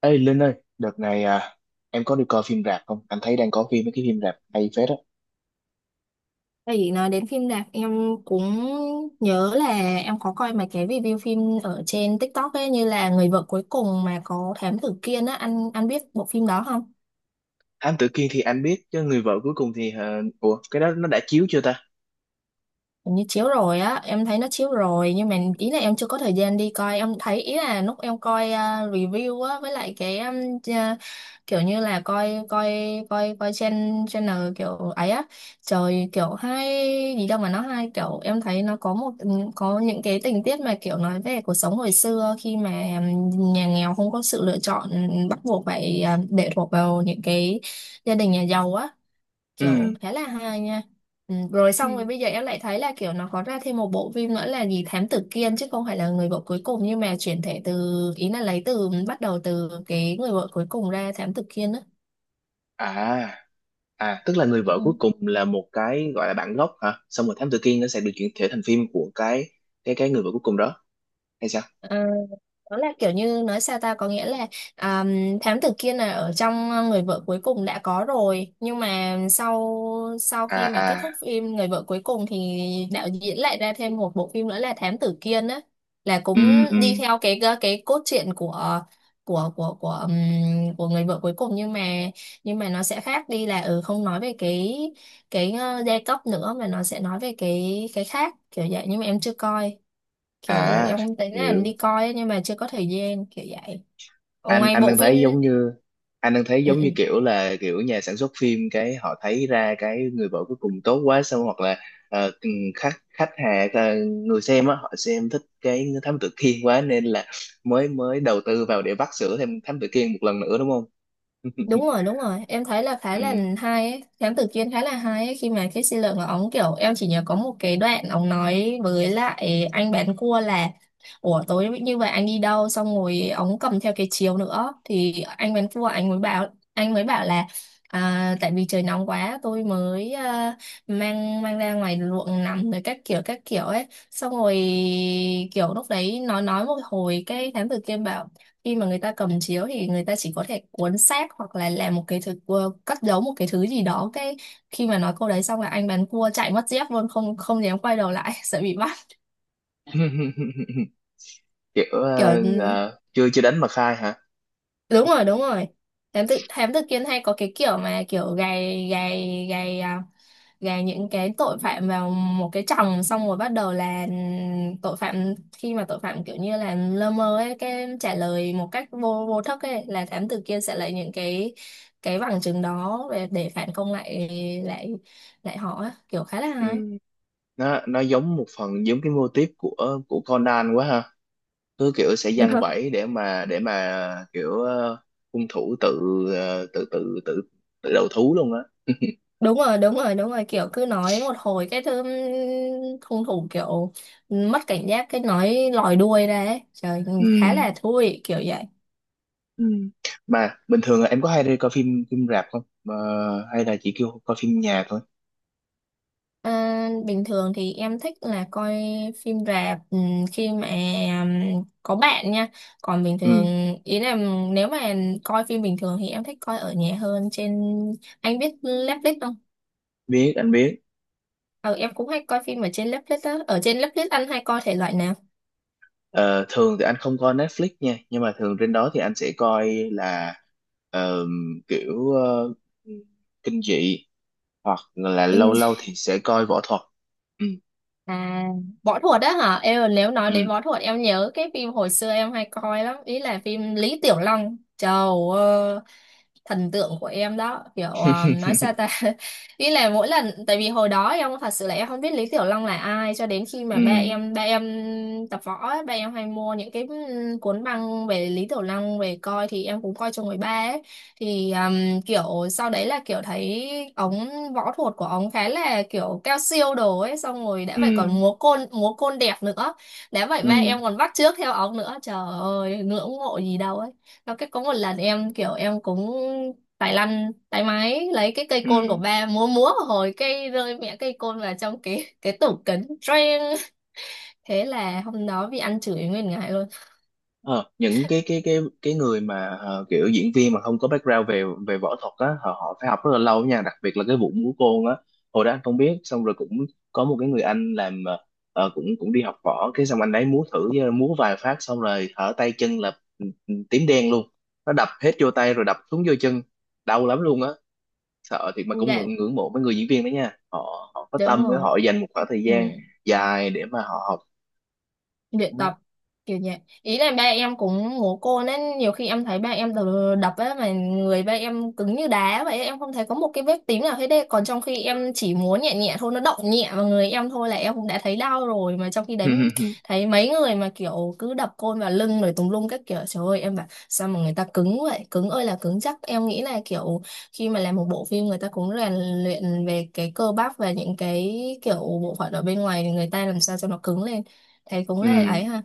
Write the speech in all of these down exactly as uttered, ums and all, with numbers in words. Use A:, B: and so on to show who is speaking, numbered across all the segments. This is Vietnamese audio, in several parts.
A: Ê Linh ơi, đợt này à, em có đi coi phim rạp không? Anh thấy đang có phim mấy cái phim rạp hay phết á.
B: Thì nói đến phim rạp em cũng nhớ là em có coi mấy cái review phim ở trên TikTok ấy, như là Người vợ cuối cùng mà có Thám tử Kiên á, anh anh biết bộ phim đó không?
A: Thám Tử Kiên thì anh biết, chứ người vợ cuối cùng thì ờ, ủa cái đó nó đã chiếu chưa ta?
B: Hình như chiếu rồi á, em thấy nó chiếu rồi nhưng mà ý là em chưa có thời gian đi coi. Em thấy ý là lúc em coi à, review á, với lại cái um, ch- kiểu như là coi coi coi coi channel, channel kiểu ấy á, trời kiểu hay gì đâu mà nó hay, kiểu em thấy nó có một có những cái tình tiết mà kiểu nói về cuộc sống hồi xưa, khi mà um, nhà nghèo không có sự lựa chọn, bắt buộc phải à, lệ thuộc vào những cái gia đình nhà giàu á, kiểu
A: Ừ.
B: khá là hay nha. Ừ, rồi
A: Ừ.
B: xong rồi bây giờ em lại thấy là kiểu nó có ra thêm một bộ phim nữa là gì Thám Tử Kiên, chứ không phải là Người vợ cuối cùng, nhưng mà chuyển thể từ, ý là lấy từ, bắt đầu từ cái Người vợ cuối cùng ra Thám Tử Kiên á.
A: À, à tức là người
B: Ừ.
A: vợ cuối cùng là một cái gọi là bản gốc hả? Xong rồi Thám Tử Kiên nó sẽ được chuyển thể thành phim của cái cái cái người vợ cuối cùng đó hay sao?
B: Ờ, đó là kiểu như nói sao ta, có nghĩa là à, thám tử Kiên là ở trong ờ, Người vợ cuối cùng đã có rồi, nhưng mà sau sau
A: À
B: khi mà kết
A: à.
B: thúc phim Người vợ cuối cùng thì đạo diễn lại ra thêm một bộ phim nữa là thám tử Kiên á, là
A: Ừ
B: cũng
A: ừ.
B: đi theo cái ờ, cái cốt truyện của của của của ừm, của Người vợ cuối cùng, nhưng mà nhưng mà nó sẽ khác đi, là ừ không nói về cái cái ờ, giai cấp nữa, mà nó sẽ nói về cái cái khác kiểu vậy, nhưng mà em chưa coi. Kiểu
A: À,
B: em cũng tính là
A: hiểu.
B: đi coi ấy, nhưng mà chưa có thời gian kiểu vậy, ở
A: anh
B: ngoài
A: anh
B: bộ
A: đang
B: phim.
A: thấy giống như anh đang thấy
B: Ừ,
A: giống
B: ừ.
A: như kiểu là kiểu nhà sản xuất phim cái họ thấy ra cái người vợ cuối cùng tốt quá, xong hoặc là ờ, ừ, khách khách hàng, ờ, người xem á họ xem thích cái thám tử Kiên quá nên là mới mới đầu tư vào để vắt sữa thêm thám tử Kiên một lần nữa, đúng không?
B: Đúng rồi, đúng rồi, em thấy là khá là
A: Ừ.
B: hay ấy. Thám tử Kiên khá là hay ấy. Khi mà cái Sư Lượng của ống, kiểu em chỉ nhớ có một cái đoạn ống nói với lại anh bán cua là ủa tối như vậy anh đi đâu, xong rồi ống cầm theo cái chiếu nữa, thì anh bán cua anh mới bảo anh mới bảo là à, tại vì trời nóng quá tôi mới à, mang mang ra ngoài ruộng nằm rồi các kiểu các kiểu ấy. Xong rồi kiểu lúc đấy nó nói một hồi, cái thám tử Kiên bảo khi mà người ta cầm chiếu thì người ta chỉ có thể cuốn xác hoặc là làm một cái thứ ờ, cất giấu một cái thứ gì đó. Cái khi mà nói câu đấy xong là anh bán cua chạy mất dép luôn, không không dám quay đầu lại sợ bị bắt
A: Kiểu
B: kiểu.
A: ờ,
B: Ừ,
A: ờ, chưa chưa đánh mà khai hả?
B: đúng rồi, đúng rồi. Thám tử thám tử Kiên hay có cái kiểu mà kiểu gài gài gài à, gà những cái tội phạm vào một cái chồng, xong rồi bắt đầu là tội phạm khi mà tội phạm kiểu như là lơ mơ ấy, cái trả lời một cách vô vô thức ấy, là thám tử kia sẽ lấy những cái cái bằng chứng đó để, để phản công lại lại lại họ á. Kiểu khá là
A: Ừ.
B: hay.
A: nó nó giống một phần giống cái mô típ của của Conan quá ha. Cứ kiểu sẽ
B: Đúng
A: giăng
B: rồi
A: bẫy để mà để mà kiểu ờ, hung thủ tự ờ, tự tự tự tự đầu thú luôn á.
B: đúng rồi đúng rồi đúng rồi. Kiểu cứ nói một hồi cái thứ hung thủ kiểu mất cảnh giác, cái nói lòi đuôi ra ấy trời,
A: Ừ,
B: khá là thú vị kiểu vậy.
A: ừ. Mà bình thường là em có hay đi coi phim phim rạp không? Ờ, hay là chỉ kêu coi phim nhà thôi?
B: À, bình thường thì em thích là coi phim rạp ừm, khi mà ừm, có bạn nha. Còn bình
A: Ừ,
B: thường, ý là nếu mà coi phim bình thường thì em thích coi ở nhà hơn. Trên, anh biết Netflix không?
A: biết anh biết.
B: Ờ em cũng hay coi phim ở trên Netflix á. Ở trên Netflix anh hay coi thể loại nào?
A: Ờ, thường thì anh không coi Netflix nha, nhưng mà thường trên đó thì anh sẽ coi là ờ, kiểu ờ, kinh dị hoặc là lâu
B: Phim
A: lâu thì sẽ coi võ thuật. Ừ
B: à võ thuật đó hả? Em nếu nói
A: ừ
B: đến võ thuật, em nhớ cái phim hồi xưa em hay coi lắm, ý là phim Lý Tiểu Long. Trời ơi, thần tượng của em đó. Kiểu ờ, nói sao ta ý là mỗi lần, tại vì hồi đó em thật sự là em không biết Lý Tiểu Long là ai cho đến khi mà
A: ừ
B: ba em ba em tập võ ấy, ba em hay mua những cái ừ, cuốn băng về Lý Tiểu Long về coi, thì em cũng coi cho người ba ấy. Thì ừm, kiểu sau đấy là kiểu thấy ống, võ thuật của ống khá là kiểu cao siêu đồ ấy, xong rồi đã
A: ừ
B: vậy còn múa côn múa côn đẹp nữa. Đã vậy ba
A: ừ
B: em còn bắt chước theo ống nữa, trời ơi ngưỡng mộ gì đâu ấy. Nó cái có một lần em kiểu em cũng tài lăn tay máy lấy cái cây côn của
A: ừ.
B: ba múa múa hồi cây rơi mẹ cây côn vào trong cái cái tủ kính Trang, thế là hôm đó bị ăn chửi nguyên ngày luôn.
A: Ờ, những cái cái cái cái người mà ờ, kiểu diễn viên mà không có background về về võ thuật á, họ, họ phải học rất là lâu nha, đặc biệt là cái vụ múa côn á. Hồi đó anh không biết, xong rồi cũng có một cái người anh làm ờ, ờ, cũng cũng đi học võ, cái xong anh ấy múa thử, ờ, múa vài phát xong rồi hở tay chân là ừ, ừ, tím đen luôn. Nó đập hết vô tay rồi đập xuống vô chân, đau lắm luôn á. Sợ thiệt mà cũng
B: Dạ,
A: ngưỡng ngưỡng mộ mấy người diễn viên đó nha, họ họ có
B: đúng
A: tâm với
B: rồi.
A: họ dành một khoảng thời
B: Ừ.
A: gian dài để mà họ học.
B: Luyện tập.
A: Ừ.
B: Kiểu nhẹ, ý là ba em cũng ngố cô, nên nhiều khi em thấy ba em đ- đập á mà người ba em cứng như đá vậy ấy, em không thấy có một cái vết tím nào hết đấy, còn trong khi em chỉ muốn nhẹ, nhẹ thôi nó động nhẹ vào người em thôi là em cũng đã thấy đau rồi, mà trong khi đấy
A: Ừ,
B: thấy mấy người mà kiểu cứ đập côn vào lưng rồi tùm lum các kiểu, trời ơi em bảo sao mà người ta cứng vậy, cứng ơi là cứng. Chắc em nghĩ là kiểu khi mà làm một bộ phim, người ta cũng rèn luyện về cái cơ bắp và những cái kiểu bộ phận ở bên ngoài, thì người ta làm sao cho nó cứng lên. Thế cũng là
A: ừ.
B: ấy ha.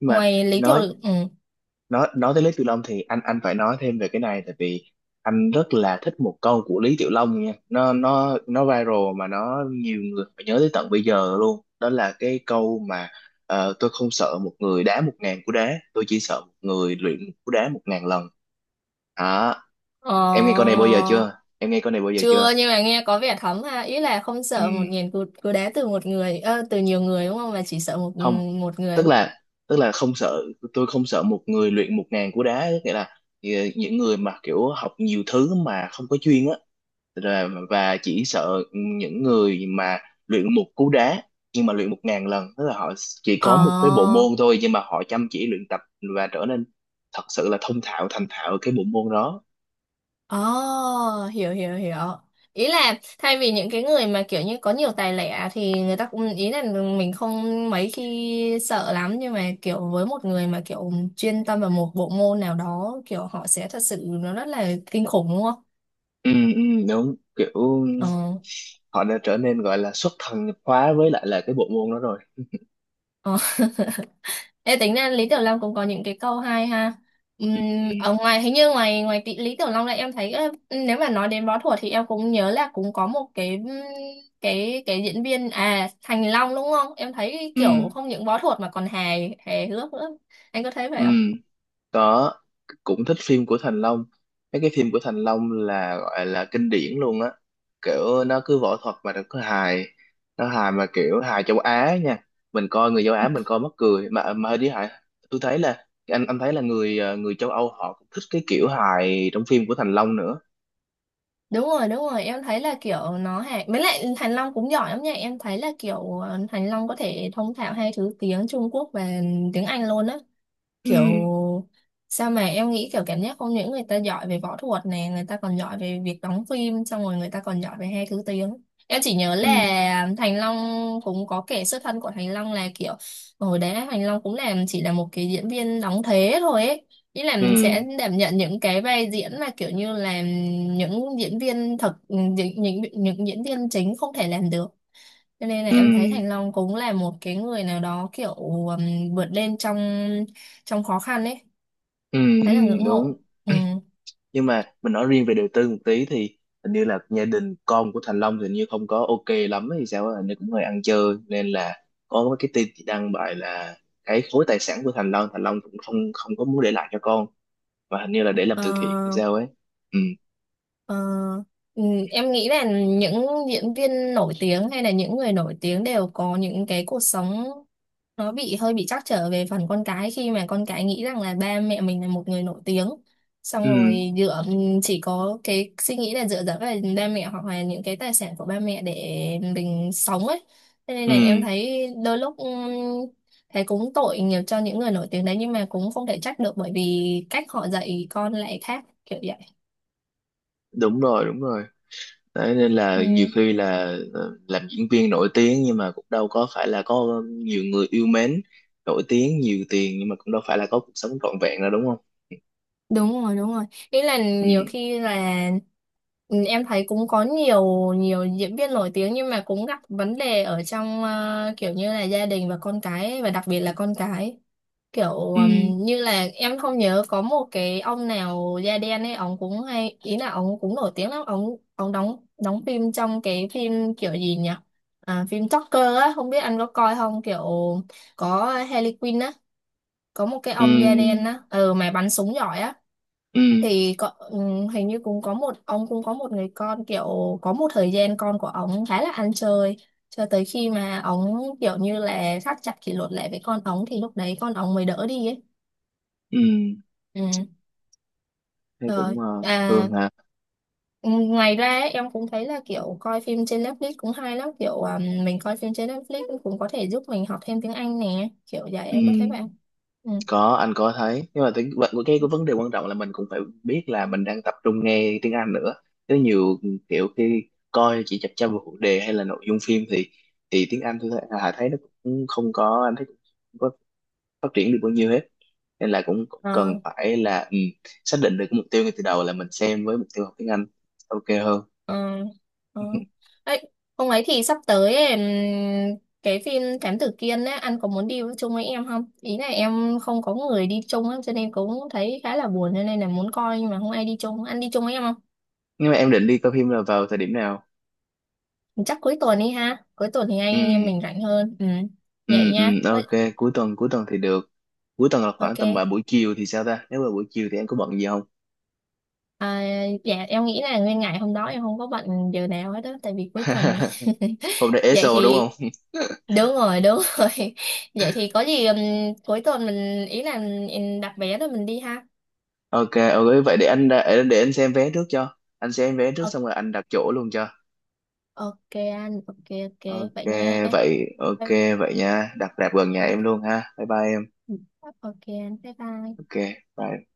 A: Nhưng mà
B: Ngoài Lý Tiểu
A: nói
B: Lực- ừ.
A: nói nói tới Lý Tiểu Long thì anh anh phải nói thêm về cái này, tại vì anh rất là thích một câu của Lý Tiểu Long nha. Nó nó nó viral mà nó nhiều người phải nhớ tới tận bây giờ luôn. Đó là cái câu mà ờ, tôi không sợ một người đá một ngàn cú đá, tôi chỉ sợ một người luyện một cú đá một ngàn lần. Đó,
B: Ờ,
A: em nghe câu này bao giờ chưa? Em nghe câu này bao giờ chưa?
B: chưa, nhưng mà nghe có vẻ thấm ha. Ý là không sợ một
A: Ừ,
B: nghìn cú, cú đá từ một người, ờ, từ nhiều người đúng không? Mà chỉ sợ một
A: không,
B: một
A: tức
B: người.
A: là tức là không sợ, tôi không sợ một người luyện một ngàn cú đá, nghĩa là ờ, những người mà kiểu học nhiều thứ mà không có chuyên á. Rồi, và chỉ sợ những người mà luyện một cú đá nhưng mà luyện một ngàn lần, tức là họ chỉ có một cái bộ
B: Ờ,
A: môn thôi nhưng mà họ chăm chỉ luyện tập và trở nên thật sự là thông thạo thành thạo cái bộ môn đó.
B: ờ, hiểu hiểu hiểu. Ý là thay vì những cái người mà kiểu như có nhiều tài lẻ, thì người ta cũng ý là mình không mấy khi sợ lắm, nhưng mà kiểu với một người mà kiểu chuyên tâm vào một bộ môn nào đó, kiểu họ sẽ thật sự nó rất là kinh khủng đúng không?
A: ừ, ừ, Đúng, kiểu
B: Ờ.
A: họ đã trở nên gọi là xuất thần nhập hóa với lại là cái bộ môn đó rồi.
B: Ờ. Ê, tính ra Lý Tiểu Long cũng có những cái câu hay ha. Ừm,
A: Ừ,
B: ở ngoài hình như ngoài ngoài tí, Lý Tiểu Long là em thấy ơ, nếu mà nói đến võ thuật thì em cũng nhớ là cũng có một cái ừm, cái cái diễn viên à Thành Long đúng không? Em thấy
A: ừ.
B: kiểu không những võ thuật mà còn hài hài hước nữa. Anh có thấy
A: Ừ.
B: vậy không?
A: Có, cũng thích phim của Thành Long. Mấy cái phim của Thành Long là gọi là kinh điển luôn á, kiểu nó cứ võ thuật mà nó cứ hài. Nó hài mà kiểu hài châu Á nha, mình coi người châu Á mình coi mắc cười mà mà đi hài. Tôi thấy là anh anh thấy là người ờ, người châu Âu họ cũng thích cái kiểu hài trong phim của Thành Long nữa.
B: Đúng rồi, đúng rồi, em thấy là kiểu nó hài. Với lại Thành Long cũng giỏi lắm nha. Em thấy là kiểu ờ, Thành Long có thể thông thạo hai thứ tiếng, Trung Quốc và tiếng Anh luôn á. Kiểu
A: Ừ
B: sao mà em nghĩ kiểu cảm giác không những người ta giỏi về võ thuật này, người ta còn giỏi về việc đóng phim, xong rồi người ta còn giỏi về hai thứ tiếng. Em chỉ nhớ
A: ừ
B: là Thành Long cũng có kể xuất thân của Thành Long là kiểu hồi đấy Thành Long cũng làm chỉ là một cái diễn viên đóng thế thôi ấy, ý là
A: ừ
B: sẽ đảm nhận những cái vai diễn mà kiểu như là những diễn viên thật, những, những những diễn viên chính không thể làm được, cho nên là em thấy
A: ừ
B: Thành Long cũng là một cái người nào đó kiểu um, vượt lên trong, trong khó khăn ấy,
A: ừ, ừ
B: khá là ngưỡng
A: đúng.
B: mộ. Ừ.
A: Nhưng mà mình nói riêng về đời tư một tí thì hình như là gia đình con của Thành Long thì hình như không có ok lắm hay sao á, hình như cũng hơi ăn chơi nên là có cái tin chị đăng bài là cái khối tài sản của Thành Long, Thành Long cũng không không có muốn để lại cho con, và hình như là để làm
B: Ờ.
A: từ thiện hay sao ấy. Ừ
B: Ờ, ừ, em nghĩ là những diễn viên nổi tiếng hay là những người nổi tiếng đều có những cái cuộc sống nó bị hơi bị trắc trở về phần con cái, khi mà con cái nghĩ rằng là ba mẹ mình là một người nổi tiếng, xong
A: ừ
B: rồi dựa chỉ có cái suy nghĩ là dựa dẫm vào ba mẹ hoặc là những cái tài sản của ba mẹ để mình sống ấy. Thế nên là em
A: ừ.
B: thấy đôi lúc, ừm, thấy cũng tội nhiều cho những người nổi tiếng đấy, nhưng mà cũng không thể trách được, bởi vì cách họ dạy con lại khác kiểu vậy.
A: Đúng rồi, đúng rồi. Đấy, nên
B: Ừ.
A: là nhiều khi là ờ, làm diễn viên nổi tiếng nhưng mà cũng đâu có phải là có nhiều người yêu mến, nổi tiếng nhiều tiền nhưng mà cũng đâu phải là có cuộc sống trọn vẹn đâu, đúng không?
B: Đúng rồi, đúng rồi, ý là
A: Ừ
B: nhiều khi là ừ, em thấy cũng có nhiều nhiều diễn viên nổi tiếng nhưng mà cũng gặp vấn đề ở trong ờ, kiểu như là gia đình và con cái ấy, và đặc biệt là con cái kiểu
A: ừ
B: ừm, như là em không nhớ có một cái ông nào da đen ấy, ông cũng hay, ý là ông cũng nổi tiếng lắm. Ông ông đóng đóng phim trong cái phim kiểu gì nhỉ, à, phim Joker á, không biết anh có coi không, kiểu có Harley Quinn á, có một cái ông da đen
A: ừ
B: á, ừ mà bắn súng giỏi á,
A: ừ
B: thì có, ừm, hình như cũng có một ông cũng có một người con, kiểu có một thời gian con của ông khá là ăn chơi cho tới khi mà ông kiểu như là thắt chặt kỷ luật lại với con ông, thì lúc đấy con ông mới đỡ đi ấy.
A: ừ.
B: Ừ.
A: Thấy cũng
B: Rồi
A: ờ,
B: à.
A: thường hả?
B: Ừ, ngoài ra ấy, em cũng thấy là kiểu coi phim trên Netflix cũng hay lắm, kiểu à, mình coi phim trên Netflix cũng có thể giúp mình học thêm tiếng Anh nè, kiểu vậy
A: Ừ,
B: anh có thấy vậy không?
A: có anh có thấy, nhưng mà tiếng vậy cái
B: Ừ.
A: cái vấn đề quan trọng là mình cũng phải biết là mình đang tập trung nghe tiếng Anh nữa, chứ nhiều kiểu khi coi chỉ chập chờn vào phụ đề hay là nội dung phim thì thì tiếng Anh tôi thấy, Hà thấy nó cũng không có, anh thấy cũng không có phát triển được bao nhiêu hết. Nên là cũng
B: Ờ,
A: cần phải là ừ, xác định được cái mục tiêu ngay từ đầu là mình xem với mục tiêu học tiếng Anh, ok hơn.
B: ờ, ờ. Ấy, hôm ấy thì sắp tới ấy, ừm, cái phim Thám Tử Kiên ấy, anh có muốn đi chung với em không? Ý là em không có người đi chung ấy, cho nên cũng thấy khá là buồn, cho nên là muốn coi nhưng mà không ai đi chung. Anh đi chung với em không?
A: Nhưng mà em định đi coi phim là vào thời điểm nào?
B: Chắc cuối tuần đi ha. Cuối tuần thì anh
A: Ừ
B: em mình rảnh hơn. Ừ.
A: ừ
B: Vậy
A: ừ.
B: nha. Có-
A: Ok, cuối tuần cuối tuần thì được. Cuối tuần là khoảng
B: ok.
A: tầm vào buổi chiều thì sao ta, nếu mà buổi chiều thì em có bận gì không?
B: À, dạ em nghĩ là nguyên ngày hôm đó em không có bận điều nào hết đó, tại vì cuối tuần mà.
A: Hôm nay ế
B: Vậy
A: sô đúng
B: thì
A: không?
B: đúng rồi, đúng rồi vậy thì có gì, ừm, cuối tuần mình, ý là mình đặt vé rồi mình đi ha.
A: Ok ok, vậy để anh ra- để anh xem vé trước, cho anh xem vé trước
B: Ờ,
A: xong rồi anh đặt chỗ luôn cho.
B: ok anh ok, ok
A: Ok
B: vậy nha.
A: vậy ok,
B: Bye-
A: vậy nha, đặt rạp gần nhà em luôn ha, bye bye em.
B: ok anh bye bye.
A: Ok bye.